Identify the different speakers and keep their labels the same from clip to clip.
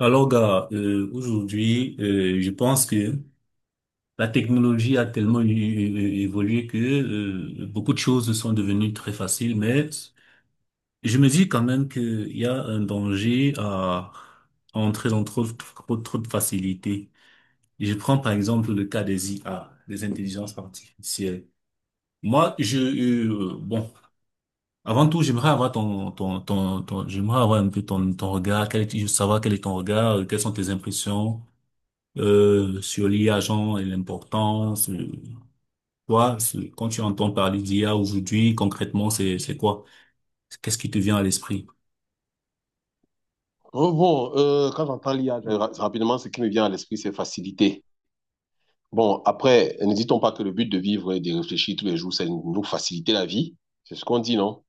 Speaker 1: Alors, gars, aujourd'hui, je pense que la technologie a tellement évolué que beaucoup de choses sont devenues très faciles, mais je me dis quand même qu'il y a un danger à entrer dans trop de facilité. Je prends par exemple le cas des IA, des intelligences artificielles. Moi, je, euh, bon, Avant tout, j'aimerais avoir j'aimerais avoir un peu ton regard, savoir quel est ton regard, quelles sont tes impressions sur l'IA genre et l'importance. Toi, quand tu entends parler d'IA aujourd'hui, concrètement, c'est quoi? Qu'est-ce qui te vient à l'esprit?
Speaker 2: Oh, bon, quand j'entends l'IA, rapidement, ce qui me vient à l'esprit, c'est facilité. Bon, après, n'hésitons pas que le but de vivre et de réfléchir tous les jours, c'est nous faciliter la vie. C'est ce qu'on dit, non?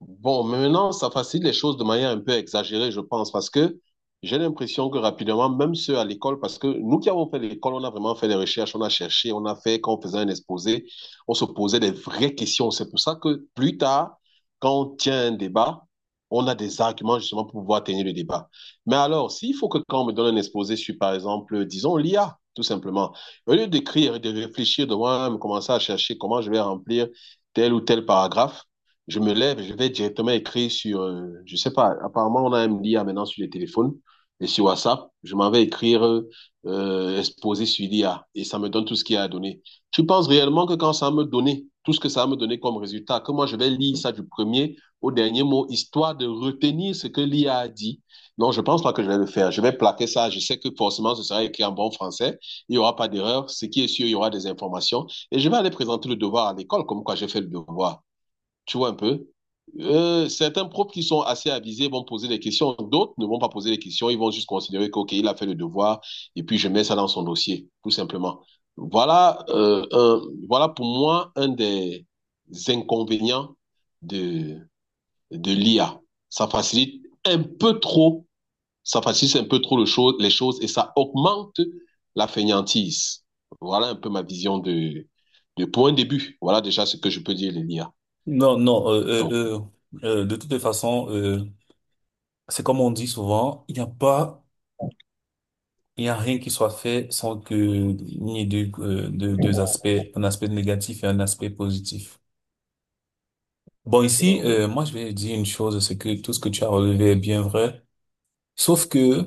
Speaker 2: Bon, mais maintenant, ça facilite les choses de manière un peu exagérée, je pense, parce que j'ai l'impression que rapidement, même ceux à l'école, parce que nous qui avons fait l'école, on a vraiment fait des recherches, on a cherché, on a fait, quand on faisait un exposé, on se posait des vraies questions. C'est pour ça que plus tard, quand on tient un débat, on a des arguments justement pour pouvoir tenir le débat. Mais alors, s'il faut que quand on me donne un exposé sur, par exemple, disons l'IA, tout simplement, au lieu d'écrire et de réfléchir, de moi-même commencer à chercher comment je vais remplir tel ou tel paragraphe, je me lève, je vais directement écrire sur, je sais pas, apparemment on a un MDA maintenant sur les téléphones et sur WhatsApp, je m'en vais écrire exposé sur l'IA et ça me donne tout ce qu'il y a à donner. Tu penses réellement que quand ça va me donner, tout ce que ça va me donner comme résultat, que moi je vais lire ça du premier au dernier mot, histoire de retenir ce que l'IA a dit. Non, je pense pas que je vais le faire. Je vais plaquer ça. Je sais que forcément, ce sera écrit en bon français. Il y aura pas d'erreur. Ce qui est sûr, il y aura des informations. Et je vais aller présenter le devoir à l'école, comme quoi j'ai fait le devoir. Tu vois un peu? Certains profs qui sont assez avisés vont poser des questions, d'autres ne vont pas poser des questions, ils vont juste considérer que, OK, il a fait le devoir, et puis je mets ça dans son dossier, tout simplement. Voilà, euh, un- voilà, pour moi un des inconvénients de, de l'IA. Ça facilite un peu trop, ça facilite un peu trop les choses et ça augmente la fainéantise. Voilà un peu ma vision pour un début. Voilà déjà ce que je peux dire de l'IA.
Speaker 1: Non, non,
Speaker 2: Donc,
Speaker 1: De toutes les façons, c'est comme on dit souvent, il n'y a rien qui soit fait sans que il n'y ait deux aspects, un aspect négatif et un aspect positif. Bon, ici,
Speaker 2: oui.
Speaker 1: moi, je vais dire une chose, c'est que tout ce que tu as relevé est bien vrai. Sauf que,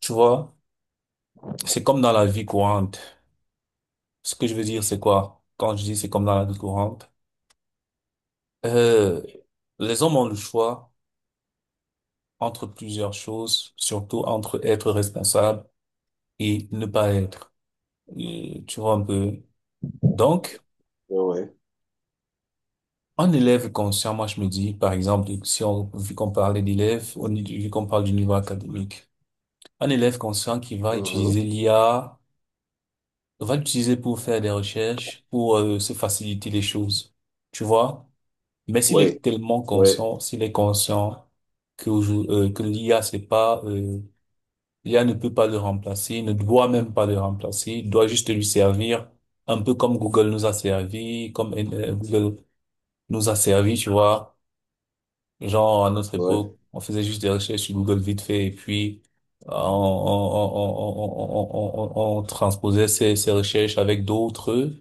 Speaker 1: tu vois, c'est comme dans la vie courante. Ce que je veux dire, c'est quoi? Quand je dis c'est comme dans la vie courante, euh, les hommes ont le choix entre plusieurs choses, surtout entre être responsable et ne pas être. Et tu vois un peu. Donc,
Speaker 2: Ouais.
Speaker 1: un élève conscient, moi, je me dis, par exemple, si on, vu qu'on parlait d'élèves, vu qu'on parle du niveau académique, un élève conscient qui va
Speaker 2: Mhm.
Speaker 1: utiliser l'IA, on va l'utiliser pour faire des recherches, pour se faciliter les choses, tu vois. Mais s'il
Speaker 2: Ouais.
Speaker 1: est tellement
Speaker 2: Ouais.
Speaker 1: conscient, s'il est conscient que, que l'IA, c'est pas, l'IA ne peut pas le remplacer, ne doit même pas le remplacer, devenir un peu comme Google nous a servi, comme Google nous a servi, tu vois. Genre, à notre
Speaker 2: Ouais.
Speaker 1: époque, on faisait juste des recherches sur Google vite fait et puis on transposait ces recherches avec d'autres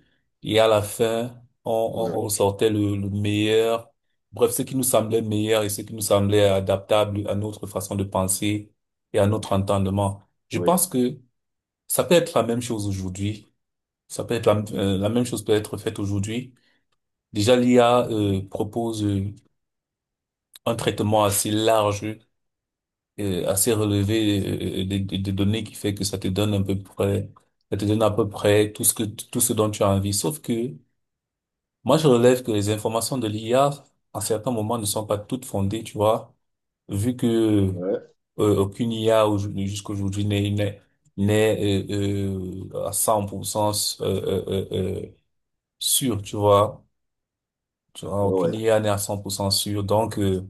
Speaker 1: et à la fin, on,
Speaker 2: Ouais.
Speaker 1: on, on ressortait le meilleur. Bref, ce qui nous semblait meilleur et ce qui nous semblait adaptable à notre façon de penser et à notre entendement. Je
Speaker 2: Ouais.
Speaker 1: pense que ça peut être la même chose aujourd'hui. Ça peut être la même chose peut être faite aujourd'hui. Déjà, l'IA propose un traitement assez large assez relevé des données qui fait que ça te donne à peu près, ça te donne à peu près tout ce que, tout ce dont tu as envie. Sauf que moi, je relève que les informations de l'IA, à certains moments, ne sont pas toutes fondées, tu vois, vu que
Speaker 2: Ouais.
Speaker 1: euh, aucune IA jusqu'à n'est, n'est, n'est à 100% euh, euh, euh, sûre, tu vois. Tu vois, aucune
Speaker 2: Ouais.
Speaker 1: IA n'est à 100% sûre. Donc,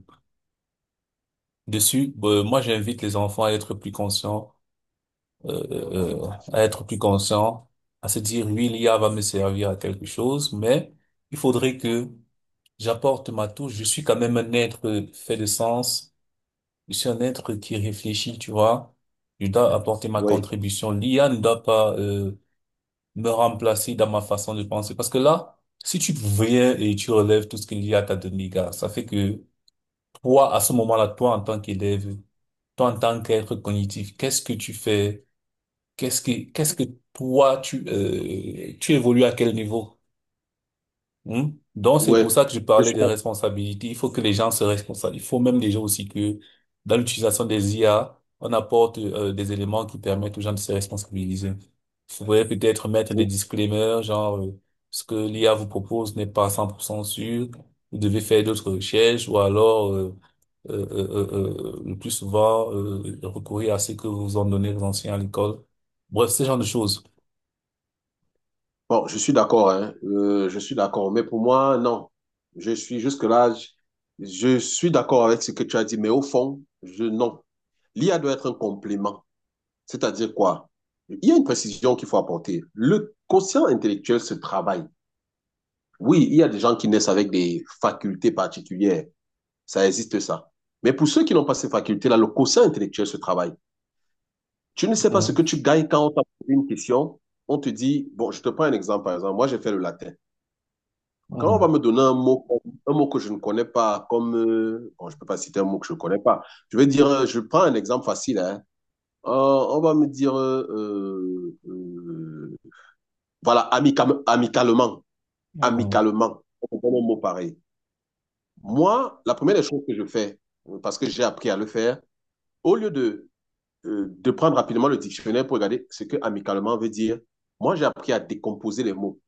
Speaker 1: dessus, moi, j'invite les enfants à être plus conscients euh, à être plus conscient, à se dire, oui, l'IA va me servir à quelque chose, mais il faudrait que j'apporte ma touche. Je suis quand même un être fait de sens. Je suis un être qui réfléchit, tu vois. Je dois apporter ma
Speaker 2: Ouais.
Speaker 1: contribution. L'IA ne doit pas me remplacer dans ma façon de penser. Parce que là, si tu viens et tu relèves tout ce que l'IA t'a donné, gars, ça fait que toi, à ce moment-là, toi, en tant qu'élève, toi, en tant qu'être cognitif, qu'est-ce que tu fais? Qu'est-ce que toi, tu évolues à quel niveau? Hein. Donc, c'est pour
Speaker 2: Ouais.
Speaker 1: ça que je
Speaker 2: Je
Speaker 1: parlais
Speaker 2: suis,
Speaker 1: de responsabilité. Il faut que les gens se responsabilisent. Il faut même déjà aussi que dans l'utilisation des IA, on apporte des éléments qui permettent aux gens de se responsabiliser. Vous pouvez peut-être mettre des
Speaker 2: je-
Speaker 1: disclaimers, genre ce que l'IA vous propose n'est pas 100% sûr. Vous devez faire d'autres recherches ou alors le plus souvent recourir à ce que vous en donnez les anciens à l'école. Bref, ce genre de choses.
Speaker 2: bon, je suis d'accord, hein. Je suis d'accord. Mais pour moi, non. Je suis jusque-là, je suis d'accord avec ce que tu as dit, mais au fond, non. L'IA doit être un complément. C'est-à-dire quoi? Il y a une précision qu'il faut apporter. Le quotient intellectuel se travaille. Oui, il y a des gens qui naissent avec des facultés particulières. Ça existe ça. Mais pour ceux qui n'ont pas ces facultés-là, le quotient intellectuel se travaille. Tu ne sais pas ce
Speaker 1: Mhm,
Speaker 2: que tu gagnes quand on t'a posé une question. On te dit, bon, je te prends un exemple, par exemple. Moi, j'ai fait le latin. Quand on va
Speaker 1: mhm,
Speaker 2: me donner un mot que je ne connais pas, comme, bon, je ne peux pas citer un mot que je ne connais pas. Je vais dire, je prends un exemple facile, hein. On va me dire, voilà, amica- amicalement,
Speaker 1: mhm,
Speaker 2: amicalement, on donne un mot pareil. Moi, la première des choses que je fais, parce que j'ai appris à le faire, au lieu de prendre rapidement le dictionnaire pour regarder ce que amicalement veut dire. Moi, j'ai appris à décomposer les mots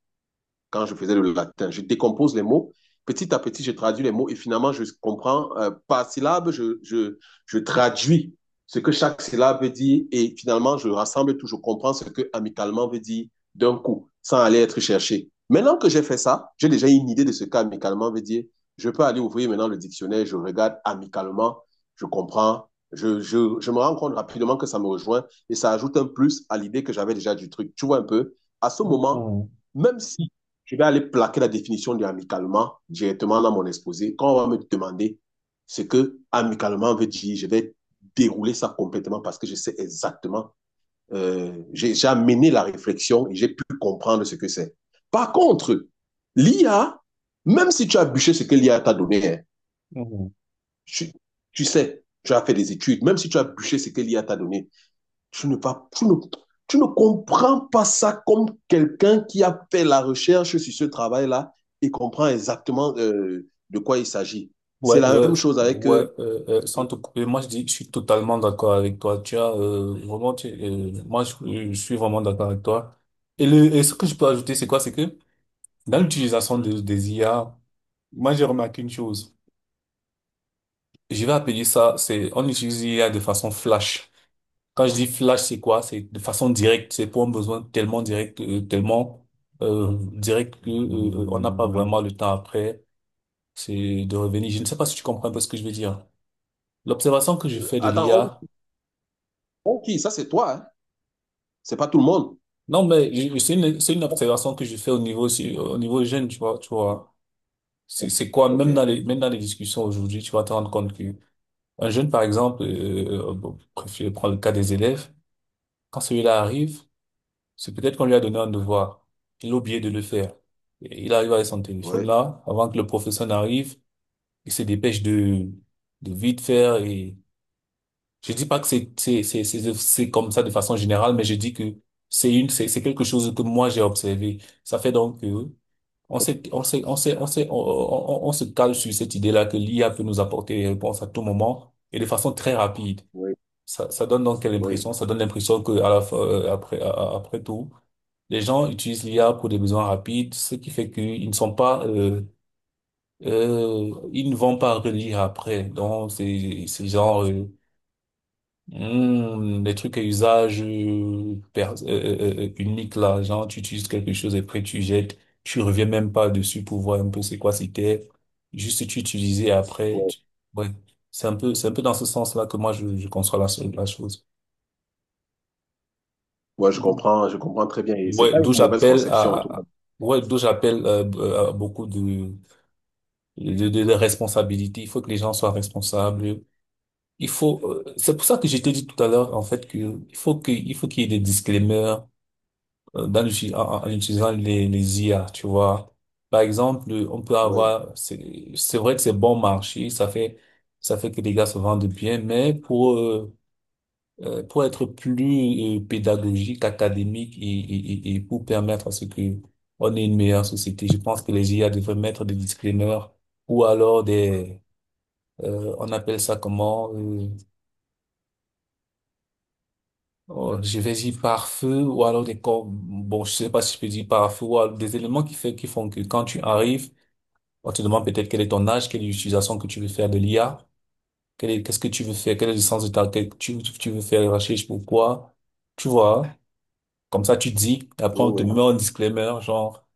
Speaker 2: quand je faisais le latin. Je décompose les mots. Petit à petit, je traduis les mots et finalement, je comprends par syllabe, je traduis ce que chaque syllabe veut dire et finalement, je rassemble tout, je comprends ce que amicalement veut dire d'un coup, sans aller être cherché. Maintenant que j'ai fait ça, j'ai déjà une idée de ce qu'amicalement veut dire. Je peux aller ouvrir maintenant le dictionnaire, je regarde amicalement, je comprends, je me rends compte rapidement que ça me rejoint et ça ajoute un plus à l'idée que j'avais déjà du truc. Tu vois un peu, à ce moment,
Speaker 1: mhm,
Speaker 2: même si je vais aller plaquer la définition de amicalement directement dans mon exposé. Quand on va me demander ce que amicalement veut dire, je vais dérouler ça complètement parce que je sais exactement, j'ai amené la réflexion et j'ai pu comprendre ce que c'est. Par contre, l'IA, même si tu as bûché ce que l'IA t'a donné, hein,
Speaker 1: mhm.
Speaker 2: tu, tu sais, tu as fait des études, même si tu as bûché ce que l'IA t'a donné, tu ne, vas, tu ne comprends pas ça comme quelqu'un qui a fait la recherche sur ce travail-là et comprend exactement de quoi il s'agit. C'est
Speaker 1: Ouais,
Speaker 2: la
Speaker 1: ouais,
Speaker 2: même chose avec.
Speaker 1: ouais, sans te couper, moi je dis, je suis totalement d'accord avec toi. Tu as vraiment, je suis vraiment d'accord avec toi. Et et ce que je peux ajouter, c'est quoi? C'est que dans l'utilisation des IA, moi j'ai remarqué une chose. Je vais appeler ça, c'est on utilise l'IA de façon flash. Quand je dis flash, c'est quoi? C'est de façon directe. C'est pour un besoin tellement direct que on n'a pas vraiment le temps après. C'est de revenir. Je ne sais pas si tu comprends un peu ce que je veux dire. L'observation que je fais de
Speaker 2: Attends,
Speaker 1: l'IA,
Speaker 2: on qui? Ça, c'est toi, hein? C'est pas tout le monde.
Speaker 1: non, c'est c'est une observation que je fais au niveau, au niveau jeune, tu vois. C'est quoi,
Speaker 2: Ok,
Speaker 1: même dans même dans les discussions aujourd'hui, tu vas te rendre compte que un jeune, par exemple, bon, bref, je le cas des élèves, quand celui-là arrive, c'est peut-être qu'on lui a donné un devoir. Il a oublié de le faire. Et il arrive avec son téléphone
Speaker 2: oui,
Speaker 1: là, avant que le professeur n'arrive, il se dépêche de vite faire. Et je dis pas que c'est comme ça de façon générale, mais je dis que c'est une c'est quelque chose que moi j'ai observé. Ça fait donc que on s'est on s'est on s'est on s'est- on se cale sur cette idée-là que l'IA peut nous apporter des réponses à tout moment et de façon très rapide.
Speaker 2: oui,
Speaker 1: Ça donne donc quelle
Speaker 2: oui.
Speaker 1: impression? Ça donne l'impression que à la fin, après après tout, les gens utilisent l'IA pour des besoins rapides, ce qui fait qu'ils ne sont pas ils ne vont pas relire après. Donc c'est genre les trucs à usage unique là, genre tu utilises quelque chose et après tu jettes, tu reviens même pas dessus pour voir un peu c'est quoi c'était, juste tu utilisais et après,
Speaker 2: Ouais,
Speaker 1: ouais, c'est un peu dans ce sens-là que je conçois la chose.
Speaker 2: ouais, je comprends très bien. Et c'est
Speaker 1: Ouais,
Speaker 2: pas une
Speaker 1: d'où
Speaker 2: mauvaise
Speaker 1: j'appelle
Speaker 2: conception, en tout cas.
Speaker 1: à- ouais, d'où j'appelle à beaucoup de responsabilités. Il faut que les gens soient responsables. C'est pour ça que je t'ai dit tout à l'heure, en fait, que il faut qu'il y ait des disclaimers dans utilisant les IA, tu vois. Par exemple, on peut
Speaker 2: Oui,
Speaker 1: avoir, c'est vrai que c'est bon marché, ça fait que les gars se vendent bien, mais pour être plus pédagogique, académique et pour permettre à ce que on ait une meilleure société, je pense que les IA devraient mettre des disclaimers ou alors des, on appelle ça comment, oh, je vais dire par feu ou alors des corps, bon, je sais pas si je peux dire par feu ou alors des éléments qui font que quand tu arrives, on te demande peut-être quel est ton âge, quelle est l'utilisation que tu veux faire de l'IA, qu'est-ce que tu veux faire, quel est le sens de que tu veux faire les recherches, pourquoi, tu vois, comme ça tu dis, et après on te
Speaker 2: oui,
Speaker 1: met un disclaimer, genre,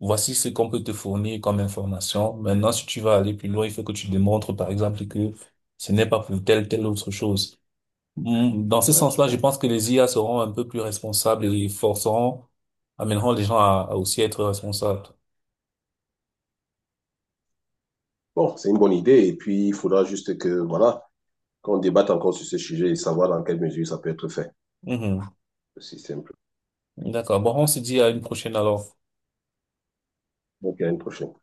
Speaker 1: voici ce qu'on peut te fournir comme information. Maintenant, si tu vas aller plus loin, il faut que tu démontres, par exemple, que ce n'est pas pour telle autre chose. Dans ce
Speaker 2: oui, ouais, je
Speaker 1: sens-là, je
Speaker 2: comprends.
Speaker 1: pense que les IA seront un peu plus responsables et amèneront les gens à aussi être responsables.
Speaker 2: Bon, c'est une bonne idée. Et puis, il faudra juste que, voilà, qu'on débatte encore sur ce sujet et savoir dans quelle mesure ça peut être fait,
Speaker 1: Mhm.
Speaker 2: le système.
Speaker 1: D'accord. Bon, on se dit à une prochaine alors.
Speaker 2: Donc à une prochaine.